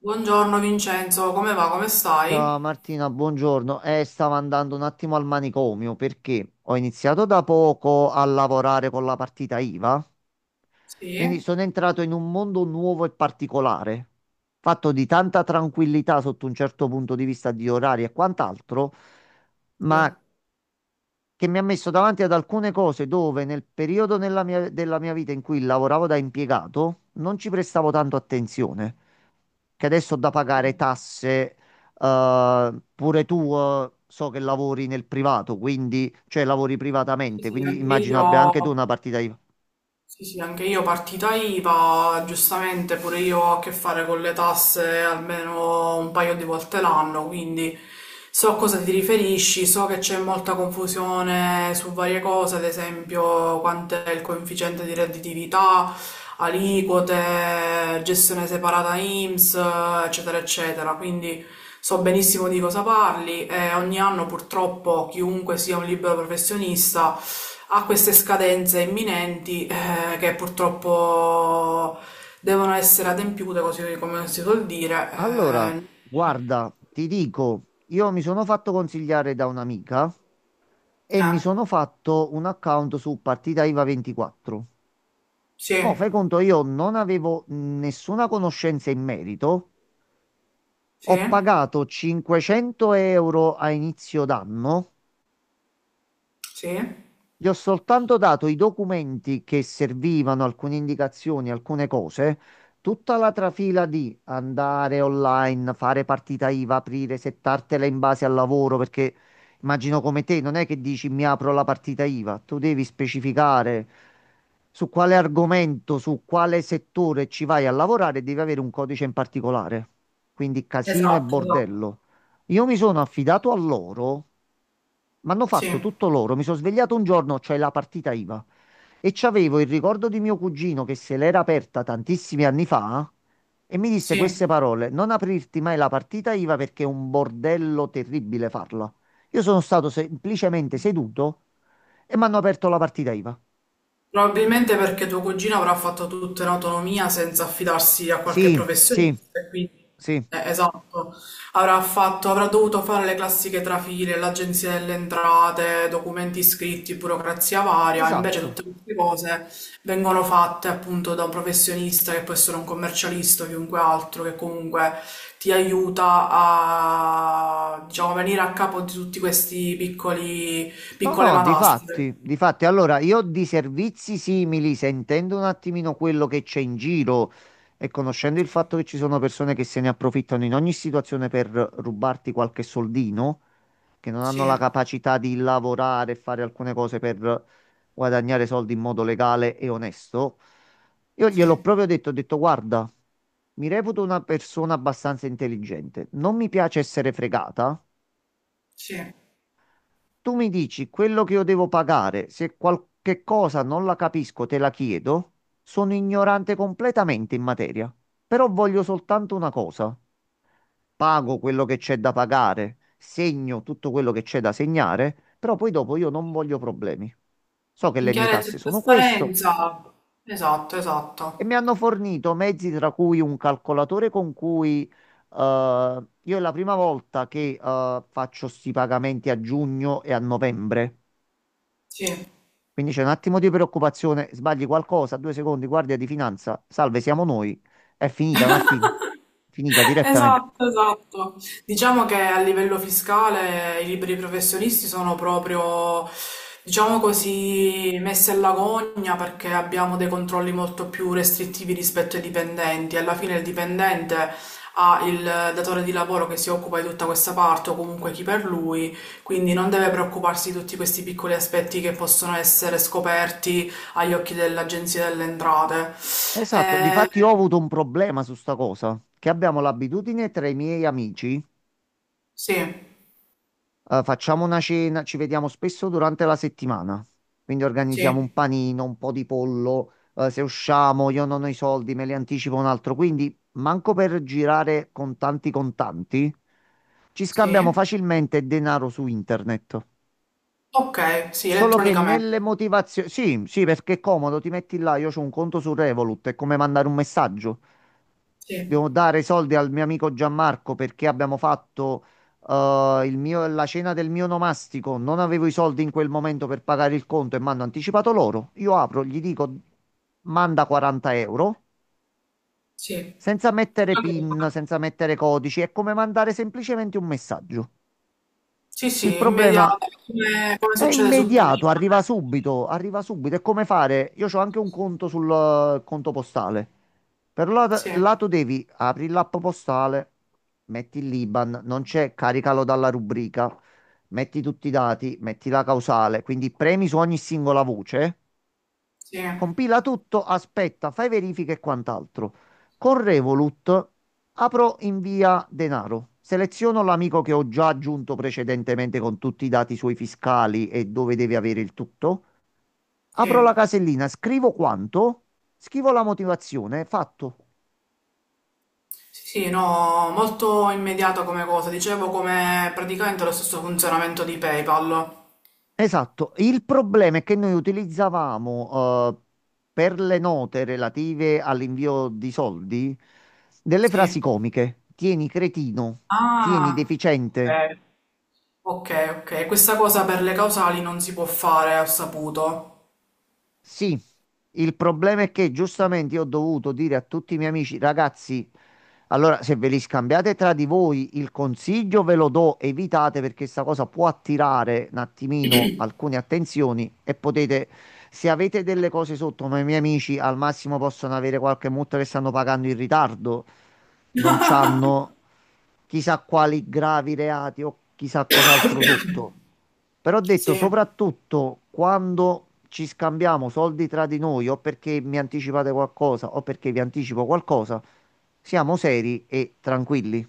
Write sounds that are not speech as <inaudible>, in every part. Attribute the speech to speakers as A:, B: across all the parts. A: Buongiorno Vincenzo, come va? Come
B: Ciao
A: stai?
B: Martina, buongiorno. Stavo andando un attimo al manicomio perché ho iniziato da poco a lavorare con la partita IVA, quindi
A: Sì,
B: sono entrato in un mondo nuovo e particolare, fatto di tanta tranquillità sotto un certo punto di vista di orari e quant'altro, ma
A: sì,
B: che mi ha messo davanti ad alcune cose dove nel periodo nella della mia vita in cui lavoravo da impiegato non ci prestavo tanto attenzione, che adesso ho da pagare
A: sì,
B: tasse. Pure tu, so che lavori nel privato, quindi, cioè lavori
A: sì,
B: privatamente,
A: sì,
B: quindi
A: anche
B: immagino abbia anche tu una
A: io.
B: partita IVA.
A: Sì, sì, anche io partita IVA, giustamente pure io ho a che fare con le tasse almeno un paio di volte l'anno, quindi so a cosa ti riferisci, so che c'è molta confusione su varie cose, ad esempio quanto è il coefficiente di redditività, aliquote, gestione separata INPS, eccetera, eccetera. Quindi so benissimo di cosa parli e ogni anno purtroppo chiunque sia un libero professionista ha queste scadenze imminenti che purtroppo devono essere adempiute, così come si suol dire.
B: Allora,
A: Eh.
B: guarda, ti dico, io mi sono fatto consigliare da un'amica e
A: Eh,
B: mi sono fatto un account su partita IVA 24.
A: sì,
B: Mo, fai conto, io non avevo nessuna conoscenza in merito. Ho
A: sì,
B: pagato 500 euro a inizio d'anno.
A: sì.
B: Gli ho soltanto dato i documenti che servivano, alcune indicazioni, alcune cose. Tutta la trafila di andare online, fare partita IVA, aprire, settartela in base al lavoro, perché immagino come te, non è che dici mi apro la partita IVA, tu devi specificare su quale argomento, su quale settore ci vai a lavorare, devi avere un codice in particolare. Quindi casino e
A: Esatto. Esatto.
B: bordello. Io mi sono affidato a loro, mi hanno
A: sì,
B: fatto tutto loro. Mi sono svegliato un giorno, c'è la partita IVA, e c'avevo il ricordo di mio cugino che se l'era aperta tantissimi anni fa e mi disse
A: sì.
B: queste parole: non aprirti mai la partita IVA perché è un bordello terribile farla. Io sono stato semplicemente seduto e mi hanno aperto la partita IVA.
A: Probabilmente perché tuo cugino avrà fatto tutto in autonomia senza affidarsi a qualche
B: Sì, sì,
A: professionista, e quindi
B: sì,
A: esatto, avrà fatto, avrà dovuto fare le classiche trafile, l'agenzia delle entrate, documenti scritti, burocrazia varia, invece
B: esatto.
A: tutte queste cose vengono fatte appunto da un professionista che può essere un commercialista o chiunque altro che comunque ti aiuta a diciamo venire a capo di tutti questi piccoli
B: No,
A: piccole
B: no,
A: matasse.
B: difatti, difatti, allora io di servizi simili, sentendo un attimino quello che c'è in giro e conoscendo il fatto che ci sono persone che se ne approfittano in ogni situazione per rubarti qualche soldino, che non hanno
A: Sì,
B: la capacità di lavorare e fare alcune cose per guadagnare soldi in modo legale e onesto, io gliel'ho
A: sì.
B: proprio detto, ho detto, guarda, mi reputo una persona abbastanza intelligente, non mi piace essere fregata.
A: Sì,
B: Tu mi dici quello che io devo pagare, se qualche cosa non la capisco, te la chiedo. Sono ignorante completamente in materia, però voglio soltanto una cosa. Pago quello che c'è da pagare, segno tutto quello che c'è da segnare, però poi dopo io non voglio problemi. So che
A: in
B: le mie
A: chiave
B: tasse
A: di
B: sono questo
A: trasparenza. Esatto,
B: e mi
A: esatto.
B: hanno fornito mezzi tra cui un calcolatore con cui io è la prima volta che faccio sti pagamenti a giugno e a novembre.
A: Sì.
B: Quindi c'è un attimo di preoccupazione, sbagli qualcosa, due secondi, guardia di finanza, salve, siamo noi. È finita,
A: <laughs>
B: Martina. Finita direttamente.
A: Esatto, esatto. Diciamo che a livello fiscale i liberi professionisti sono proprio, diciamo così, messi alla gogna perché abbiamo dei controlli molto più restrittivi rispetto ai dipendenti. Alla fine il dipendente ha il datore di lavoro che si occupa di tutta questa parte o comunque chi per lui, quindi non deve preoccuparsi di tutti questi piccoli aspetti che possono essere scoperti agli occhi dell'Agenzia delle Entrate.
B: Esatto,
A: Eh,
B: difatti ho avuto un problema su sta cosa, che abbiamo l'abitudine tra i miei amici,
A: sì,
B: facciamo una cena, ci vediamo spesso durante la settimana. Quindi organizziamo un
A: sì,
B: panino, un po' di pollo, se usciamo, io non ho i soldi, me li anticipo un altro. Quindi manco per girare con tanti contanti, ci scambiamo
A: sì.
B: facilmente denaro su internet.
A: Okay, sì,
B: Solo che
A: elettronicamente.
B: nelle motivazioni... Sì, sì, perché è comodo, ti metti là, io ho un conto su Revolut, è come mandare un messaggio.
A: Sì,
B: Devo dare i soldi al mio amico Gianmarco perché abbiamo fatto la cena del mio nomastico, non avevo i soldi in quel momento per pagare il conto e mi hanno anticipato loro. Io apro, gli dico, manda 40 euro,
A: sì.
B: senza mettere
A: Credo che.
B: PIN, senza mettere codici, è come mandare semplicemente un messaggio.
A: Sì,
B: Il
A: sì,
B: problema
A: immediata, come
B: È
A: succede su
B: immediato,
A: Prime.
B: arriva subito, arriva subito. È come fare? Io ho anche un conto sul conto postale.
A: Sì,
B: Lato devi apri l'app postale, metti il l'IBAN, non c'è, caricalo dalla rubrica, metti tutti i dati, metti la causale, quindi premi su ogni singola voce.
A: sì,
B: Compila tutto, aspetta, fai verifiche e quant'altro. Con Revolut apro invia denaro. Seleziono l'amico che ho già aggiunto precedentemente con tutti i dati suoi fiscali e dove deve avere il tutto. Apro la
A: sì.
B: casellina, scrivo quanto, scrivo la motivazione, fatto.
A: Sì, sì, no, molto immediata come cosa. Dicevo come praticamente lo stesso funzionamento di PayPal.
B: Esatto. Il problema è che noi utilizzavamo per le note relative all'invio di soldi delle
A: Sì.
B: frasi comiche. Tieni cretino, tieni
A: Ah,
B: deficiente.
A: ok. Ok, ok. Questa cosa per le causali non si può fare, ho saputo.
B: Sì, il problema è che giustamente io ho dovuto dire a tutti i miei amici, ragazzi, allora se ve li scambiate tra di voi il consiglio ve lo do, evitate perché sta cosa può attirare un attimino alcune attenzioni e potete, se avete delle cose sotto, ma i miei amici al massimo possono avere qualche multa che stanno pagando in ritardo, non c'hanno chissà quali gravi reati o chissà cos'altro sotto. Però ho detto
A: Sì.
B: soprattutto quando ci scambiamo soldi tra di noi o perché mi anticipate qualcosa o perché vi anticipo qualcosa, siamo seri e tranquilli.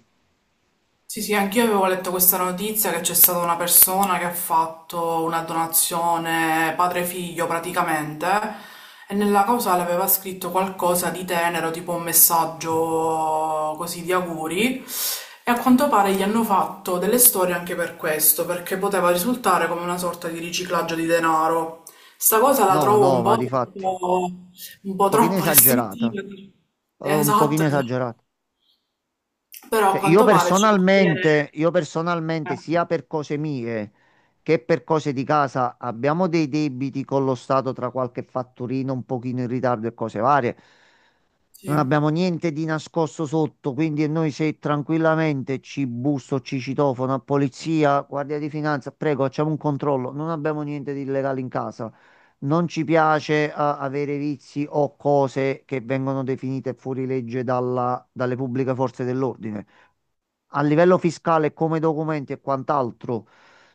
A: Sì, sì, anch'io avevo letto questa notizia che c'è stata una persona che ha fatto una donazione padre-figlio praticamente e nella cosa l'aveva scritto qualcosa di tenero, tipo un messaggio così di auguri e a quanto pare gli hanno fatto delle storie anche per questo, perché poteva risultare come una sorta di riciclaggio di denaro. Sta cosa la
B: No,
A: trovo
B: no, ma di fatti, un
A: un po'
B: pochino
A: troppo
B: esagerata,
A: restrittiva.
B: un
A: Esatto,
B: pochino
A: esatto.
B: esagerata.
A: Però a
B: Cioè,
A: quanto pare ci può essere...
B: io
A: eh.
B: personalmente, sia per cose mie che per cose di casa, abbiamo dei debiti con lo Stato tra qualche fatturino un pochino in ritardo e cose varie. Non
A: Sì,
B: abbiamo niente di nascosto sotto, quindi noi se tranquillamente ci busso, ci citofono a polizia, guardia di finanza, prego, facciamo un controllo. Non abbiamo niente di illegale in casa. Non ci piace avere vizi o cose che vengono definite fuori legge dalle pubbliche forze dell'ordine. A livello fiscale, come documenti e quant'altro,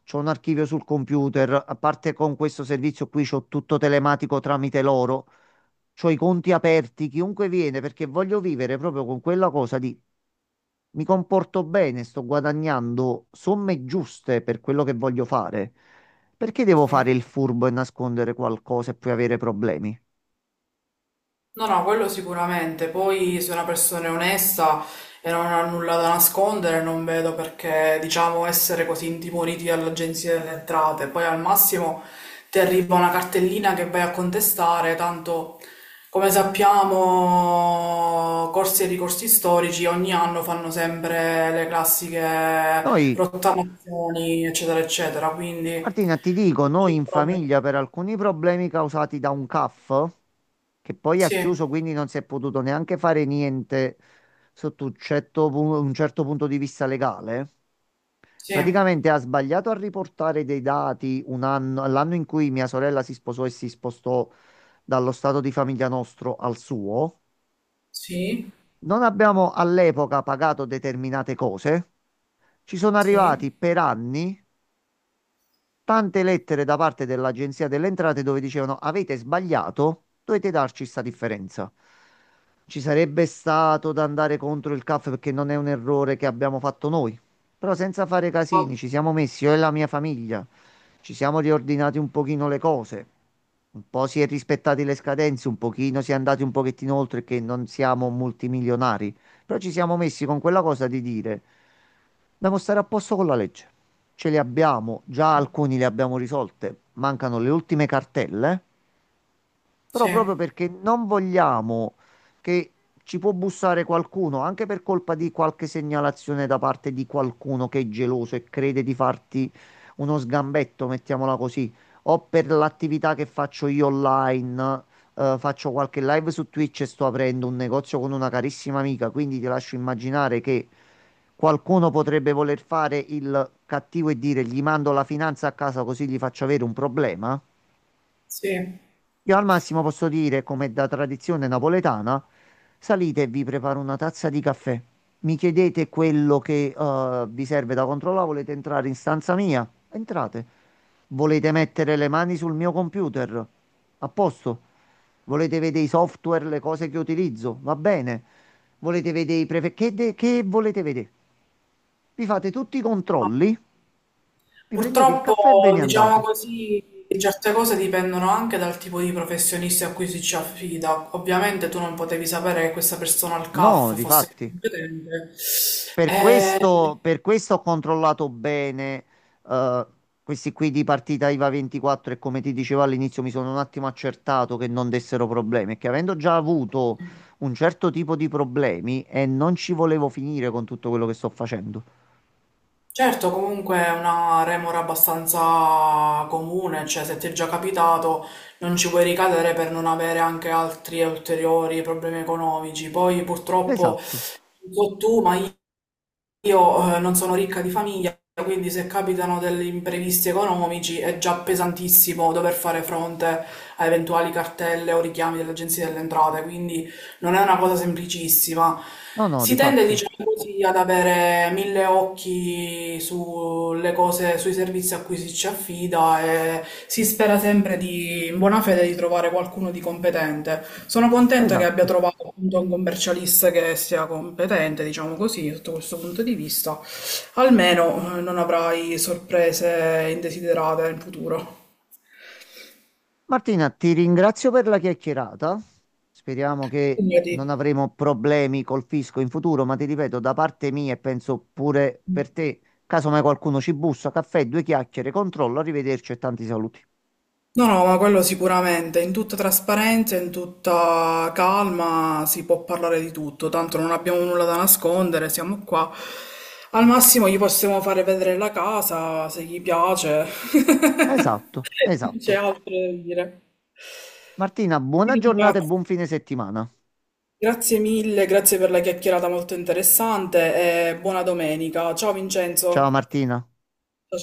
B: c'ho un archivio sul computer, a parte con questo servizio qui c'ho tutto telematico tramite loro. C'ho i conti aperti, chiunque viene, perché voglio vivere proprio con quella cosa di mi comporto bene, sto guadagnando somme giuste per quello che voglio fare. Perché devo
A: sì.
B: fare il furbo e nascondere qualcosa e poi avere problemi?
A: No, no, quello sicuramente. Poi se una persona è onesta e non ha nulla da nascondere, non vedo perché, diciamo, essere così intimoriti dall'Agenzia delle Entrate. Poi al massimo ti arriva una cartellina che vai a contestare, tanto come sappiamo, corsi e ricorsi storici ogni anno fanno sempre le classiche
B: Noi,
A: rottamazioni, eccetera, eccetera. Quindi
B: Martina, ti dico,
A: non
B: noi
A: c'è
B: in
A: proprio.
B: famiglia per alcuni problemi causati da un CAF, che poi ha
A: Sì,
B: chiuso, quindi non si è potuto neanche fare niente sotto un certo punto di vista legale.
A: sì,
B: Praticamente ha sbagliato a riportare dei dati un anno, l'anno in cui mia sorella si sposò e si spostò dallo stato di famiglia nostro al suo.
A: sì.
B: Non abbiamo all'epoca pagato determinate cose. Ci sono
A: Sì,
B: arrivati per anni tante lettere da parte dell'Agenzia delle Entrate dove dicevano avete sbagliato, dovete darci sta differenza. Ci sarebbe stato da andare contro il CAF perché non è un errore che abbiamo fatto noi. Però senza fare casini, ci siamo messi io e la mia famiglia, ci siamo riordinati un pochino le cose. Un po' si è rispettati le scadenze, un pochino si è andati un pochettino oltre che non siamo multimilionari, però ci siamo messi con quella cosa di dire dobbiamo stare a posto con la legge, ce li abbiamo, già alcuni li abbiamo risolte, mancano le ultime cartelle. Però proprio
A: sì,
B: perché non vogliamo che ci può bussare qualcuno, anche per colpa di qualche segnalazione da parte di qualcuno che è geloso e crede di farti uno sgambetto, mettiamola così, o per l'attività che faccio io online, faccio qualche live su Twitch e sto aprendo un negozio con una carissima amica, quindi ti lascio immaginare che qualcuno potrebbe voler fare il cattivo e dire gli mando la finanza a casa così gli faccio avere un problema.
A: sì.
B: Io al massimo posso dire, come da tradizione napoletana, salite e vi preparo una tazza di caffè. Mi chiedete quello che vi serve da controllare, volete entrare in stanza mia? Entrate. Volete mettere le mani sul mio computer? A posto. Volete vedere i software, le cose che utilizzo? Va bene. Volete vedere i prefe... Che, che volete vedere? Vi fate tutti i controlli, vi prendete il
A: Purtroppo,
B: caffè e ve ne
A: diciamo
B: andate.
A: così, certe cose dipendono anche dal tipo di professionista a cui si ci affida. Ovviamente tu non potevi sapere che questa persona al
B: No,
A: CAF fosse
B: difatti.
A: competente. Eh,
B: Per questo ho controllato bene, eh, questi qui di partita IVA 24 e come ti dicevo all'inizio mi sono un attimo accertato che non dessero problemi, che avendo già avuto un certo tipo di problemi e non ci volevo finire con tutto quello che sto facendo.
A: certo, comunque è una remora abbastanza comune, cioè se ti è già capitato non ci puoi ricadere per non avere anche altri ulteriori problemi economici. Poi purtroppo,
B: Esatto.
A: non so tu, ma io non sono ricca di famiglia, quindi se capitano degli imprevisti economici è già pesantissimo dover fare fronte a eventuali cartelle o richiami dell'Agenzia delle Entrate, quindi non è una cosa semplicissima.
B: No, no, di
A: Si tende,
B: fatti.
A: diciamo così, ad avere mille occhi sulle cose, sui servizi a cui si ci affida e si spera sempre di, in buona fede di trovare qualcuno di competente. Sono contenta che abbia
B: Esatto.
A: trovato appunto un commercialista che sia competente, diciamo così, sotto questo punto di vista. Almeno non avrai sorprese indesiderate in futuro.
B: Martina, ti ringrazio per la chiacchierata. Speriamo che
A: Quindi.
B: non avremo problemi col fisco in futuro, ma ti ripeto, da parte mia e penso pure per te, caso mai qualcuno ci bussa, caffè, due chiacchiere, controllo, arrivederci e tanti saluti.
A: No, no, ma quello sicuramente, in tutta trasparenza, in tutta calma si può parlare di tutto, tanto non abbiamo nulla da nascondere, siamo qua. Al massimo gli possiamo fare vedere la casa, se gli piace. <laughs>
B: Esatto,
A: Non c'è
B: esatto.
A: altro da dire.
B: Martina,
A: Ti
B: buona giornata e
A: ringrazio.
B: buon fine settimana.
A: Grazie mille, grazie per la chiacchierata molto interessante e buona domenica. Ciao
B: Ciao
A: Vincenzo.
B: Martina.